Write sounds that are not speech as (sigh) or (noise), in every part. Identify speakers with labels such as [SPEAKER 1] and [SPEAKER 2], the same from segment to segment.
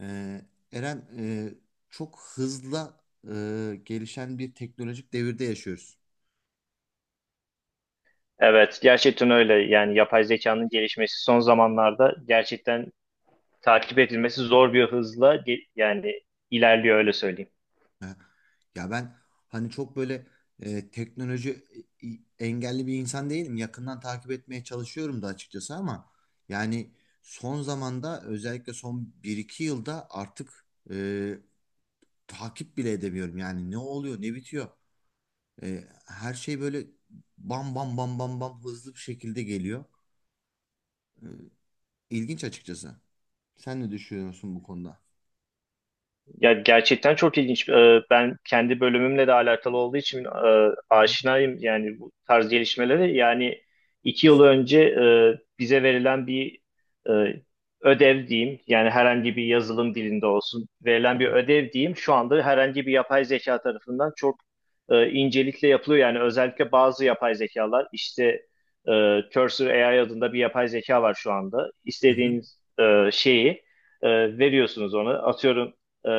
[SPEAKER 1] Ee, Eren, çok hızla gelişen bir teknolojik devirde yaşıyoruz.
[SPEAKER 2] Evet, gerçekten öyle. Yani yapay zekanın gelişmesi son zamanlarda gerçekten takip edilmesi zor bir hızla yani ilerliyor öyle söyleyeyim.
[SPEAKER 1] Ha. Ya ben hani çok böyle teknoloji engelli bir insan değilim. Yakından takip etmeye çalışıyorum da açıkçası ama yani son zamanda özellikle son bir iki yılda artık e, takip bile edemiyorum. Yani ne oluyor ne bitiyor. Her şey böyle bam bam bam bam bam hızlı bir şekilde geliyor. İlginç açıkçası. Sen ne düşünüyorsun bu konuda?
[SPEAKER 2] Ya gerçekten çok ilginç. Ben kendi bölümümle de alakalı olduğu için aşinayım yani bu tarz gelişmelere. Yani 2 yıl önce bize verilen bir e, ödev diyeyim, yani herhangi bir yazılım dilinde olsun verilen bir ödev diyeyim, şu anda herhangi bir yapay zeka tarafından çok incelikle yapılıyor. Yani özellikle bazı yapay zekalar, işte Cursor AI adında bir yapay zeka var şu anda.
[SPEAKER 1] Hı hı.
[SPEAKER 2] İstediğiniz şeyi veriyorsunuz ona. Atıyorum. e,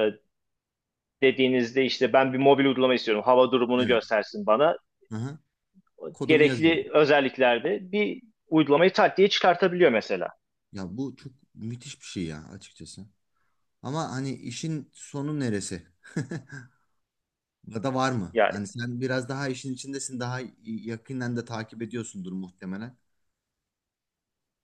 [SPEAKER 2] dediğinizde işte ben bir mobil uygulama istiyorum. Hava durumunu
[SPEAKER 1] Evet.
[SPEAKER 2] göstersin bana.
[SPEAKER 1] Hı hı. Kodunu yazıyorum.
[SPEAKER 2] Gerekli özelliklerde bir uygulamayı tak diye çıkartabiliyor mesela.
[SPEAKER 1] Ya bu çok müthiş bir şey ya açıkçası. Ama hani işin sonu neresi? (laughs) Ya da var mı?
[SPEAKER 2] Ya
[SPEAKER 1] Hani sen biraz daha işin içindesin, daha yakından da takip ediyorsundur muhtemelen.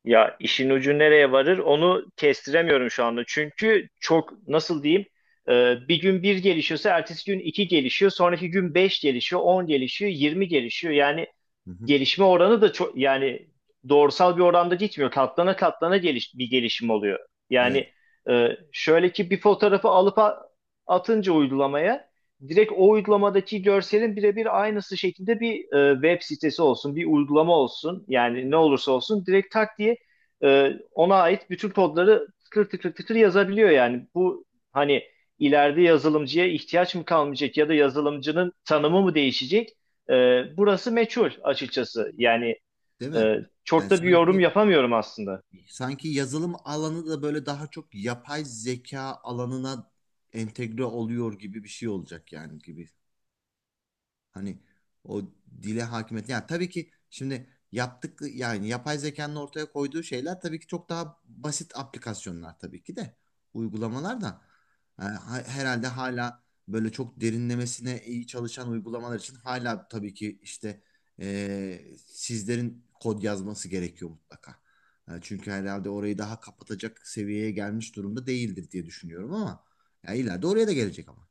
[SPEAKER 2] ya işin ucu nereye varır onu kestiremiyorum şu anda. Çünkü çok nasıl diyeyim bir gün bir gelişiyorsa ertesi gün iki gelişiyor. Sonraki gün beş gelişiyor, 10 gelişiyor, 20 gelişiyor. Yani
[SPEAKER 1] Hı hı.
[SPEAKER 2] gelişme oranı da çok yani doğrusal bir oranda gitmiyor. Katlana katlana bir gelişim oluyor.
[SPEAKER 1] Evet.
[SPEAKER 2] Yani şöyle ki bir fotoğrafı alıp atınca uygulamaya direkt o uygulamadaki görselin birebir aynısı şekilde bir web sitesi olsun, bir uygulama olsun. Yani ne olursa olsun direkt tak diye ona ait bütün kodları tıkır tıkır tıkır yazabiliyor yani. Bu hani ileride yazılımcıya ihtiyaç mı kalmayacak ya da yazılımcının tanımı mı değişecek? Burası meçhul açıkçası. Yani
[SPEAKER 1] Değil mi?
[SPEAKER 2] e, çok
[SPEAKER 1] Yani
[SPEAKER 2] da bir yorum
[SPEAKER 1] sanki
[SPEAKER 2] yapamıyorum aslında.
[SPEAKER 1] sanki yazılım alanı da böyle daha çok yapay zeka alanına entegre oluyor gibi bir şey olacak yani gibi. Hani o dile hakimiyet. Yani tabii ki şimdi yaptık yani yapay zekanın ortaya koyduğu şeyler tabii ki çok daha basit aplikasyonlar tabii ki de uygulamalar da herhalde hala böyle çok derinlemesine iyi çalışan uygulamalar için hala tabii ki işte e, sizlerin kod yazması gerekiyor mutlaka. Çünkü herhalde orayı daha kapatacak seviyeye gelmiş durumda değildir diye düşünüyorum ama ya ileride oraya da gelecek ama.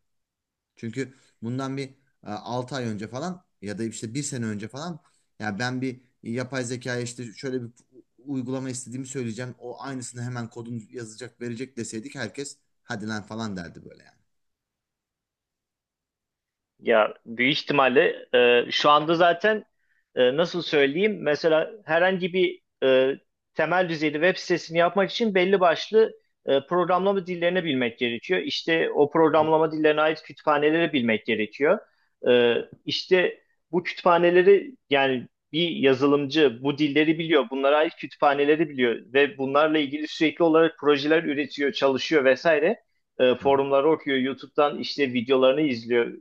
[SPEAKER 1] Çünkü bundan bir 6 ay önce falan ya da işte bir sene önce falan ya ben bir yapay zekaya işte şöyle bir uygulama istediğimi söyleyeceğim. O aynısını hemen kodunu yazacak verecek deseydik herkes hadi lan falan derdi böyle yani.
[SPEAKER 2] Ya büyük ihtimalle şu anda zaten nasıl söyleyeyim mesela herhangi bir temel düzeyde web sitesini yapmak için belli başlı programlama dillerini bilmek gerekiyor. İşte o programlama dillerine ait kütüphaneleri bilmek gerekiyor. E, işte bu kütüphaneleri yani bir yazılımcı bu dilleri biliyor, bunlara ait kütüphaneleri biliyor ve bunlarla ilgili sürekli olarak projeler üretiyor, çalışıyor vesaire
[SPEAKER 1] Hı hı.
[SPEAKER 2] forumları okuyor, YouTube'dan işte videolarını izliyor,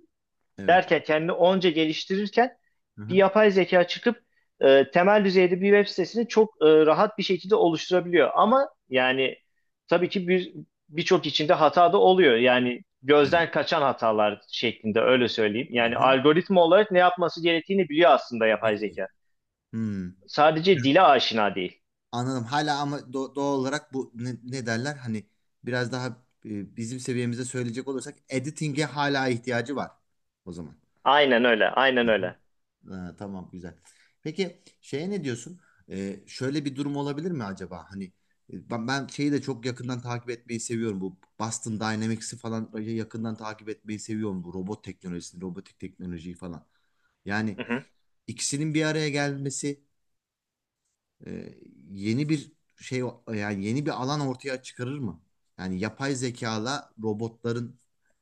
[SPEAKER 1] Evet.
[SPEAKER 2] derken kendini onca geliştirirken
[SPEAKER 1] Hı
[SPEAKER 2] bir
[SPEAKER 1] hı.
[SPEAKER 2] yapay zeka çıkıp temel düzeyde bir web sitesini çok rahat bir şekilde oluşturabiliyor. Ama yani tabii ki birçok içinde hata da oluyor. Yani
[SPEAKER 1] Evet.
[SPEAKER 2] gözden kaçan hatalar şeklinde öyle söyleyeyim.
[SPEAKER 1] Hı
[SPEAKER 2] Yani
[SPEAKER 1] hı.
[SPEAKER 2] algoritma olarak ne yapması gerektiğini biliyor aslında yapay zeka.
[SPEAKER 1] Biliyorum. Hmm.
[SPEAKER 2] Sadece dile aşina değil.
[SPEAKER 1] Anladım. Hala ama doğal olarak bu ne, ne derler? Hani biraz daha bizim seviyemizde söyleyecek olursak editing'e hala ihtiyacı var o zaman.
[SPEAKER 2] Aynen öyle,
[SPEAKER 1] Hı
[SPEAKER 2] aynen
[SPEAKER 1] hı.
[SPEAKER 2] öyle.
[SPEAKER 1] Ha, tamam güzel. Peki şeye ne diyorsun? Şöyle bir durum olabilir mi acaba? Hani ben şeyi de çok yakından takip etmeyi seviyorum. Bu Boston Dynamics'i falan böyle yakından takip etmeyi seviyorum. Bu robot teknolojisini, robotik teknolojiyi falan. Yani
[SPEAKER 2] (laughs)
[SPEAKER 1] ikisinin bir araya gelmesi e, yeni bir şey yani yeni bir alan ortaya çıkarır mı? Yani yapay zekala robotların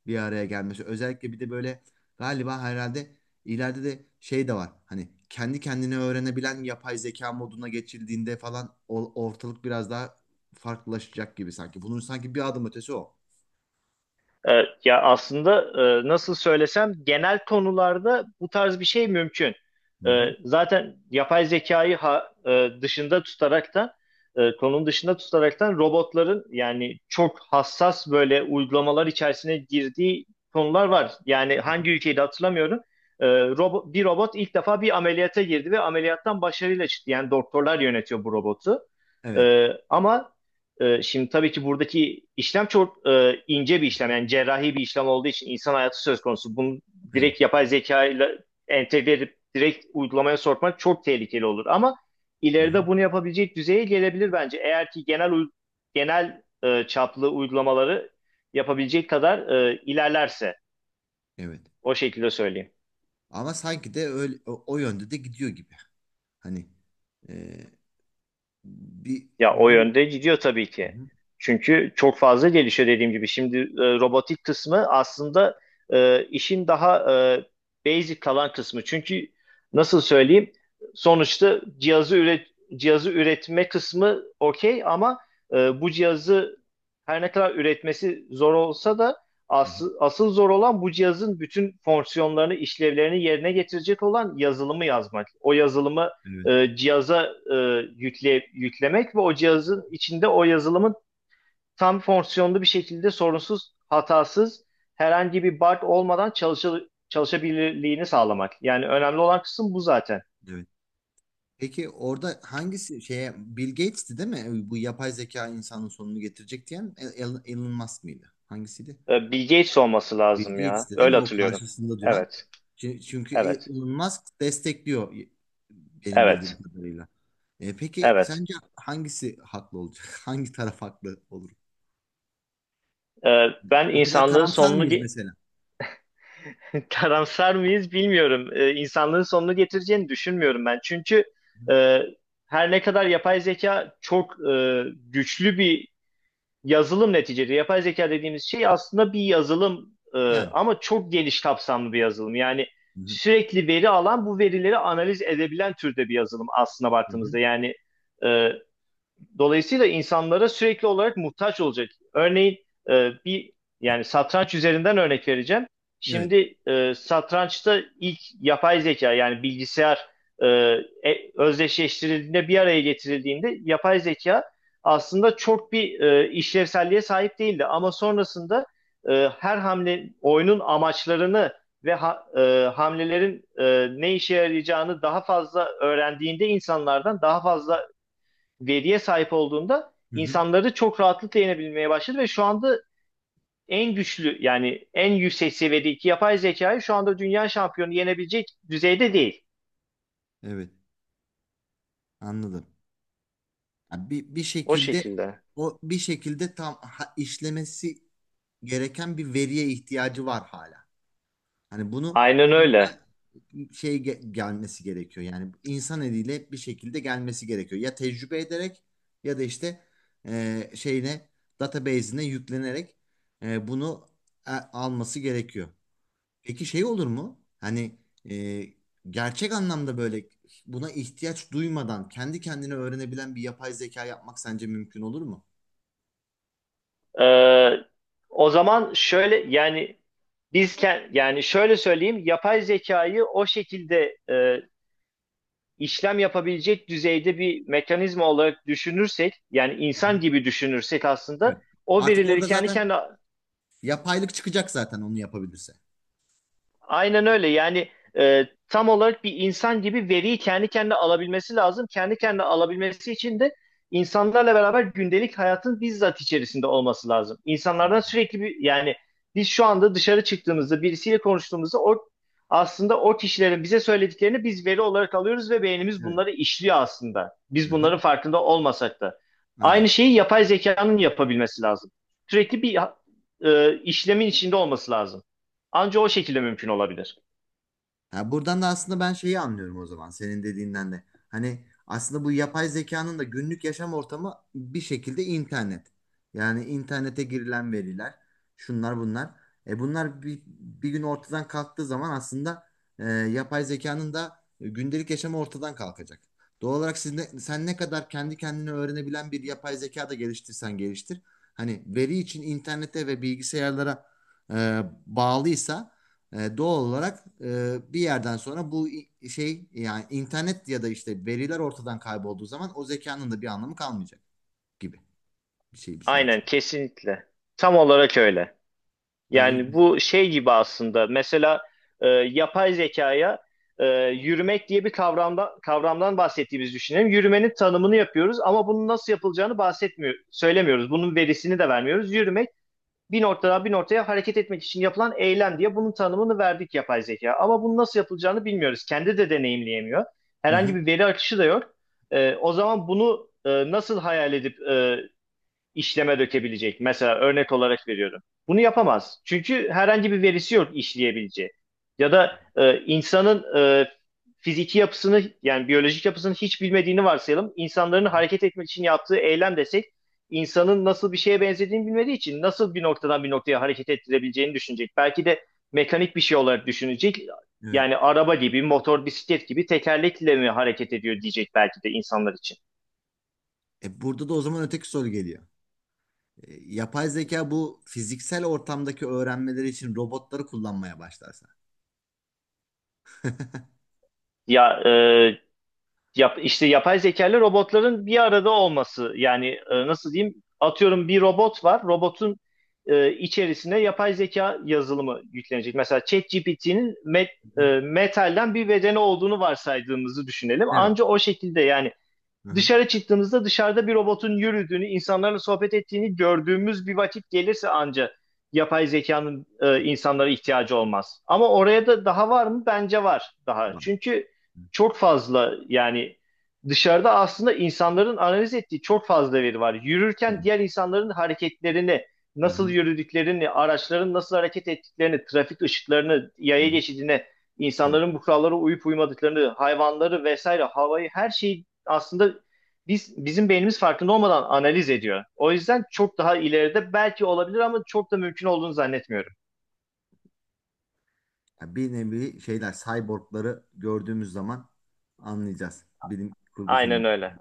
[SPEAKER 1] bir araya gelmesi. Özellikle bir de böyle galiba herhalde ileride de şey de var. Hani kendi kendine öğrenebilen yapay zeka moduna geçildiğinde falan ortalık biraz daha farklılaşacak gibi sanki. Bunun sanki bir adım ötesi o.
[SPEAKER 2] Ya aslında nasıl söylesem genel konularda bu tarz bir şey mümkün.
[SPEAKER 1] Hı hı.
[SPEAKER 2] Zaten yapay zekayı dışında tutaraktan konunun dışında tutaraktan robotların yani çok hassas böyle uygulamalar içerisine girdiği konular var. Yani
[SPEAKER 1] Hı hı.
[SPEAKER 2] hangi ülkeyi de hatırlamıyorum. Bir robot ilk defa bir ameliyata girdi ve ameliyattan başarıyla çıktı. Yani doktorlar yönetiyor bu robotu.
[SPEAKER 1] Evet.
[SPEAKER 2] Ama şimdi tabii ki buradaki işlem çok ince bir
[SPEAKER 1] Hı
[SPEAKER 2] işlem.
[SPEAKER 1] hı.
[SPEAKER 2] Yani cerrahi bir işlem olduğu için insan hayatı söz konusu. Bunu
[SPEAKER 1] Evet.
[SPEAKER 2] direkt yapay zeka ile entegre edip direkt uygulamaya sokmak çok tehlikeli olur. Ama
[SPEAKER 1] Hı hı.
[SPEAKER 2] ileride bunu yapabilecek düzeye gelebilir bence. Eğer ki genel çaplı uygulamaları yapabilecek kadar ilerlerse
[SPEAKER 1] Evet.
[SPEAKER 2] o şekilde söyleyeyim.
[SPEAKER 1] Ama sanki de öyle o yönde de gidiyor gibi. Hani e, bir,
[SPEAKER 2] Ya o
[SPEAKER 1] bir
[SPEAKER 2] yönde gidiyor tabii
[SPEAKER 1] Hı
[SPEAKER 2] ki.
[SPEAKER 1] hı,
[SPEAKER 2] Çünkü çok fazla gelişiyor dediğim gibi. Şimdi robotik kısmı aslında işin daha basic kalan kısmı. Çünkü nasıl söyleyeyim? Sonuçta cihazı üretme kısmı okey ama bu cihazı her ne kadar üretmesi zor olsa da
[SPEAKER 1] hı hı.
[SPEAKER 2] asıl zor olan bu cihazın bütün fonksiyonlarını, işlevlerini yerine getirecek olan yazılımı yazmak. O yazılımı
[SPEAKER 1] Evet,
[SPEAKER 2] cihaza e, yüklemek ve o cihazın içinde o yazılımın tam fonksiyonlu bir şekilde sorunsuz, hatasız, herhangi bir bug olmadan çalışabilirliğini sağlamak. Yani önemli olan kısım bu zaten.
[SPEAKER 1] evet. Peki orada hangisi şeye Bill Gates'ti değil mi? Bu yapay zeka insanın sonunu getirecek diyen Elon Musk mıydı? Hangisiydi?
[SPEAKER 2] Bill Gates olması
[SPEAKER 1] Bill
[SPEAKER 2] lazım ya.
[SPEAKER 1] Gates'ti değil
[SPEAKER 2] Öyle
[SPEAKER 1] mi? O
[SPEAKER 2] hatırlıyorum.
[SPEAKER 1] karşısında duran.
[SPEAKER 2] Evet,
[SPEAKER 1] Çünkü
[SPEAKER 2] evet,
[SPEAKER 1] Elon Musk destekliyor benim bildiğim
[SPEAKER 2] evet,
[SPEAKER 1] kadarıyla. Peki
[SPEAKER 2] evet.
[SPEAKER 1] sence hangisi haklı olacak? (laughs) Hangi taraf haklı olur?
[SPEAKER 2] E, Ben
[SPEAKER 1] O kadar
[SPEAKER 2] insanlığın
[SPEAKER 1] karamsar
[SPEAKER 2] sonunu...
[SPEAKER 1] mıyız mesela?
[SPEAKER 2] (laughs) Karamsar mıyız bilmiyorum. İnsanlığın sonunu getireceğini düşünmüyorum ben. Çünkü e, her ne kadar yapay zeka çok güçlü bir yazılım neticede. Yapay zeka dediğimiz şey aslında bir yazılım
[SPEAKER 1] Yani.
[SPEAKER 2] ama çok geniş kapsamlı bir yazılım. Yani
[SPEAKER 1] Hı hı,
[SPEAKER 2] sürekli veri alan bu verileri analiz edebilen türde bir yazılım aslına
[SPEAKER 1] hı hı.
[SPEAKER 2] baktığımızda. Yani e, Dolayısıyla insanlara sürekli olarak muhtaç olacak. Örneğin bir yani satranç üzerinden örnek vereceğim.
[SPEAKER 1] Evet.
[SPEAKER 2] Şimdi satrançta ilk yapay zeka yani bilgisayar e, özdeşleştirildiğinde bir araya getirildiğinde yapay zeka aslında çok bir işlevselliğe sahip değildi. Ama sonrasında her hamle oyunun amaçlarını ve hamlelerin ne işe yarayacağını daha fazla öğrendiğinde insanlardan daha fazla veriye sahip olduğunda
[SPEAKER 1] Hı hı.
[SPEAKER 2] insanları çok rahatlıkla yenebilmeye başladı ve şu anda en güçlü yani en yüksek seviyedeki yapay zekayı şu anda dünya şampiyonu yenebilecek düzeyde değil.
[SPEAKER 1] Evet. Anladım. Yani bir
[SPEAKER 2] O
[SPEAKER 1] şekilde
[SPEAKER 2] şekilde.
[SPEAKER 1] o bir şekilde tam işlemesi gereken bir veriye ihtiyacı var hala. Hani bunu
[SPEAKER 2] Aynen öyle.
[SPEAKER 1] hala şey gelmesi gerekiyor. Yani insan eliyle hep bir şekilde gelmesi gerekiyor. Ya tecrübe ederek ya da işte şeyine database'ine yüklenerek bunu alması gerekiyor. Peki şey olur mu? Hani e, gerçek anlamda böyle buna ihtiyaç duymadan kendi kendine öğrenebilen bir yapay zeka yapmak sence mümkün olur mu?
[SPEAKER 2] Ee, O zaman şöyle yani biz yani şöyle söyleyeyim yapay zekayı o şekilde işlem yapabilecek düzeyde bir mekanizma olarak düşünürsek yani
[SPEAKER 1] Hı
[SPEAKER 2] insan
[SPEAKER 1] hı.
[SPEAKER 2] gibi düşünürsek aslında
[SPEAKER 1] Evet.
[SPEAKER 2] o
[SPEAKER 1] Artık
[SPEAKER 2] verileri
[SPEAKER 1] orada
[SPEAKER 2] kendi
[SPEAKER 1] zaten
[SPEAKER 2] kendine...
[SPEAKER 1] yapaylık çıkacak zaten onu yapabilirse.
[SPEAKER 2] Aynen öyle. Yani tam olarak bir insan gibi veriyi kendi kendine alabilmesi lazım. Kendi kendine alabilmesi için de insanlarla beraber gündelik hayatın bizzat içerisinde olması lazım.
[SPEAKER 1] Hı
[SPEAKER 2] İnsanlardan
[SPEAKER 1] hı.
[SPEAKER 2] sürekli bir yani biz şu anda dışarı çıktığımızda birisiyle konuştuğumuzda o aslında o kişilerin bize söylediklerini biz veri olarak alıyoruz ve beynimiz
[SPEAKER 1] Evet.
[SPEAKER 2] bunları işliyor aslında.
[SPEAKER 1] Hı
[SPEAKER 2] Biz
[SPEAKER 1] hı.
[SPEAKER 2] bunların farkında olmasak da. Aynı
[SPEAKER 1] Aynen.
[SPEAKER 2] şeyi yapay zekanın yapabilmesi lazım. Sürekli bir işlemin içinde olması lazım. Anca o şekilde mümkün olabilir.
[SPEAKER 1] Ha, buradan da aslında ben şeyi anlıyorum o zaman senin dediğinden de. Hani aslında bu yapay zekanın da günlük yaşam ortamı bir şekilde internet. Yani internete girilen veriler, şunlar bunlar. Bunlar bir gün ortadan kalktığı zaman aslında yapay zekanın da gündelik yaşamı ortadan kalkacak. Doğal olarak siz ne, sen ne kadar kendi kendine öğrenebilen bir yapay zeka da geliştirsen geliştir. Hani veri için internete ve bilgisayarlara bağlıysa doğal olarak bir yerden sonra bu şey yani internet ya da işte veriler ortadan kaybolduğu zaman o zekanın da bir anlamı kalmayacak gibi bir şey bir sonuç.
[SPEAKER 2] Aynen kesinlikle. Tam olarak öyle.
[SPEAKER 1] Ha,
[SPEAKER 2] Yani
[SPEAKER 1] iyi.
[SPEAKER 2] bu şey gibi aslında mesela yapay zekaya yürümek diye bir kavramdan bahsettiğimizi düşünelim. Yürümenin tanımını yapıyoruz ama bunun nasıl yapılacağını bahsetmiyor, söylemiyoruz. Bunun verisini de vermiyoruz. Yürümek bir noktadan bir noktaya hareket etmek için yapılan eylem diye bunun tanımını verdik yapay zeka. Ama bunun nasıl yapılacağını bilmiyoruz. Kendi de deneyimleyemiyor.
[SPEAKER 1] Hı
[SPEAKER 2] Herhangi
[SPEAKER 1] hı.
[SPEAKER 2] bir veri akışı da yok. O zaman bunu nasıl hayal edip işleme dökebilecek. Mesela örnek olarak veriyorum. Bunu yapamaz. Çünkü herhangi bir verisi yok işleyebileceği. Ya da insanın fiziki yapısını yani biyolojik yapısını hiç bilmediğini varsayalım. İnsanların
[SPEAKER 1] Hı hı.
[SPEAKER 2] hareket etmek için yaptığı eylem desek insanın nasıl bir şeye benzediğini bilmediği için nasıl bir noktadan bir noktaya hareket ettirebileceğini düşünecek. Belki de mekanik bir şey olarak düşünecek.
[SPEAKER 1] Evet.
[SPEAKER 2] Yani araba gibi, motor, bisiklet gibi tekerlekle mi hareket ediyor diyecek belki de insanlar için.
[SPEAKER 1] Burada da o zaman öteki soru geliyor. Yapay zeka bu fiziksel ortamdaki öğrenmeleri için robotları kullanmaya başlarsa.
[SPEAKER 2] Ya işte yapay zekalı robotların bir arada olması yani nasıl diyeyim atıyorum bir robot var robotun içerisine yapay zeka yazılımı yüklenecek. Mesela ChatGPT'nin
[SPEAKER 1] Hı hı.
[SPEAKER 2] metalden bir bedeni olduğunu varsaydığımızı düşünelim.
[SPEAKER 1] Evet.
[SPEAKER 2] Anca o şekilde yani
[SPEAKER 1] Hı hı.
[SPEAKER 2] dışarı çıktığımızda dışarıda bir robotun yürüdüğünü, insanlarla sohbet ettiğini gördüğümüz bir vakit gelirse anca yapay zekanın insanlara ihtiyacı olmaz. Ama oraya da daha var mı? Bence var daha.
[SPEAKER 1] Var.
[SPEAKER 2] Çünkü çok fazla yani dışarıda aslında insanların analiz ettiği çok fazla veri var.
[SPEAKER 1] Var.
[SPEAKER 2] Yürürken diğer insanların hareketlerini,
[SPEAKER 1] Hı
[SPEAKER 2] nasıl
[SPEAKER 1] hı.
[SPEAKER 2] yürüdüklerini, araçların nasıl hareket ettiklerini, trafik ışıklarını,
[SPEAKER 1] Hı
[SPEAKER 2] yaya
[SPEAKER 1] hı.
[SPEAKER 2] geçidine,
[SPEAKER 1] Tabii.
[SPEAKER 2] insanların bu kurallara uyup uymadıklarını, hayvanları vesaire, havayı her şeyi aslında bizim beynimiz farkında olmadan analiz ediyor. O yüzden çok daha ileride belki olabilir ama çok da mümkün olduğunu zannetmiyorum.
[SPEAKER 1] Ya bir nevi şeyler, cyborgları gördüğümüz zaman anlayacağız. Bilim kurgu filmi.
[SPEAKER 2] Aynen öyle.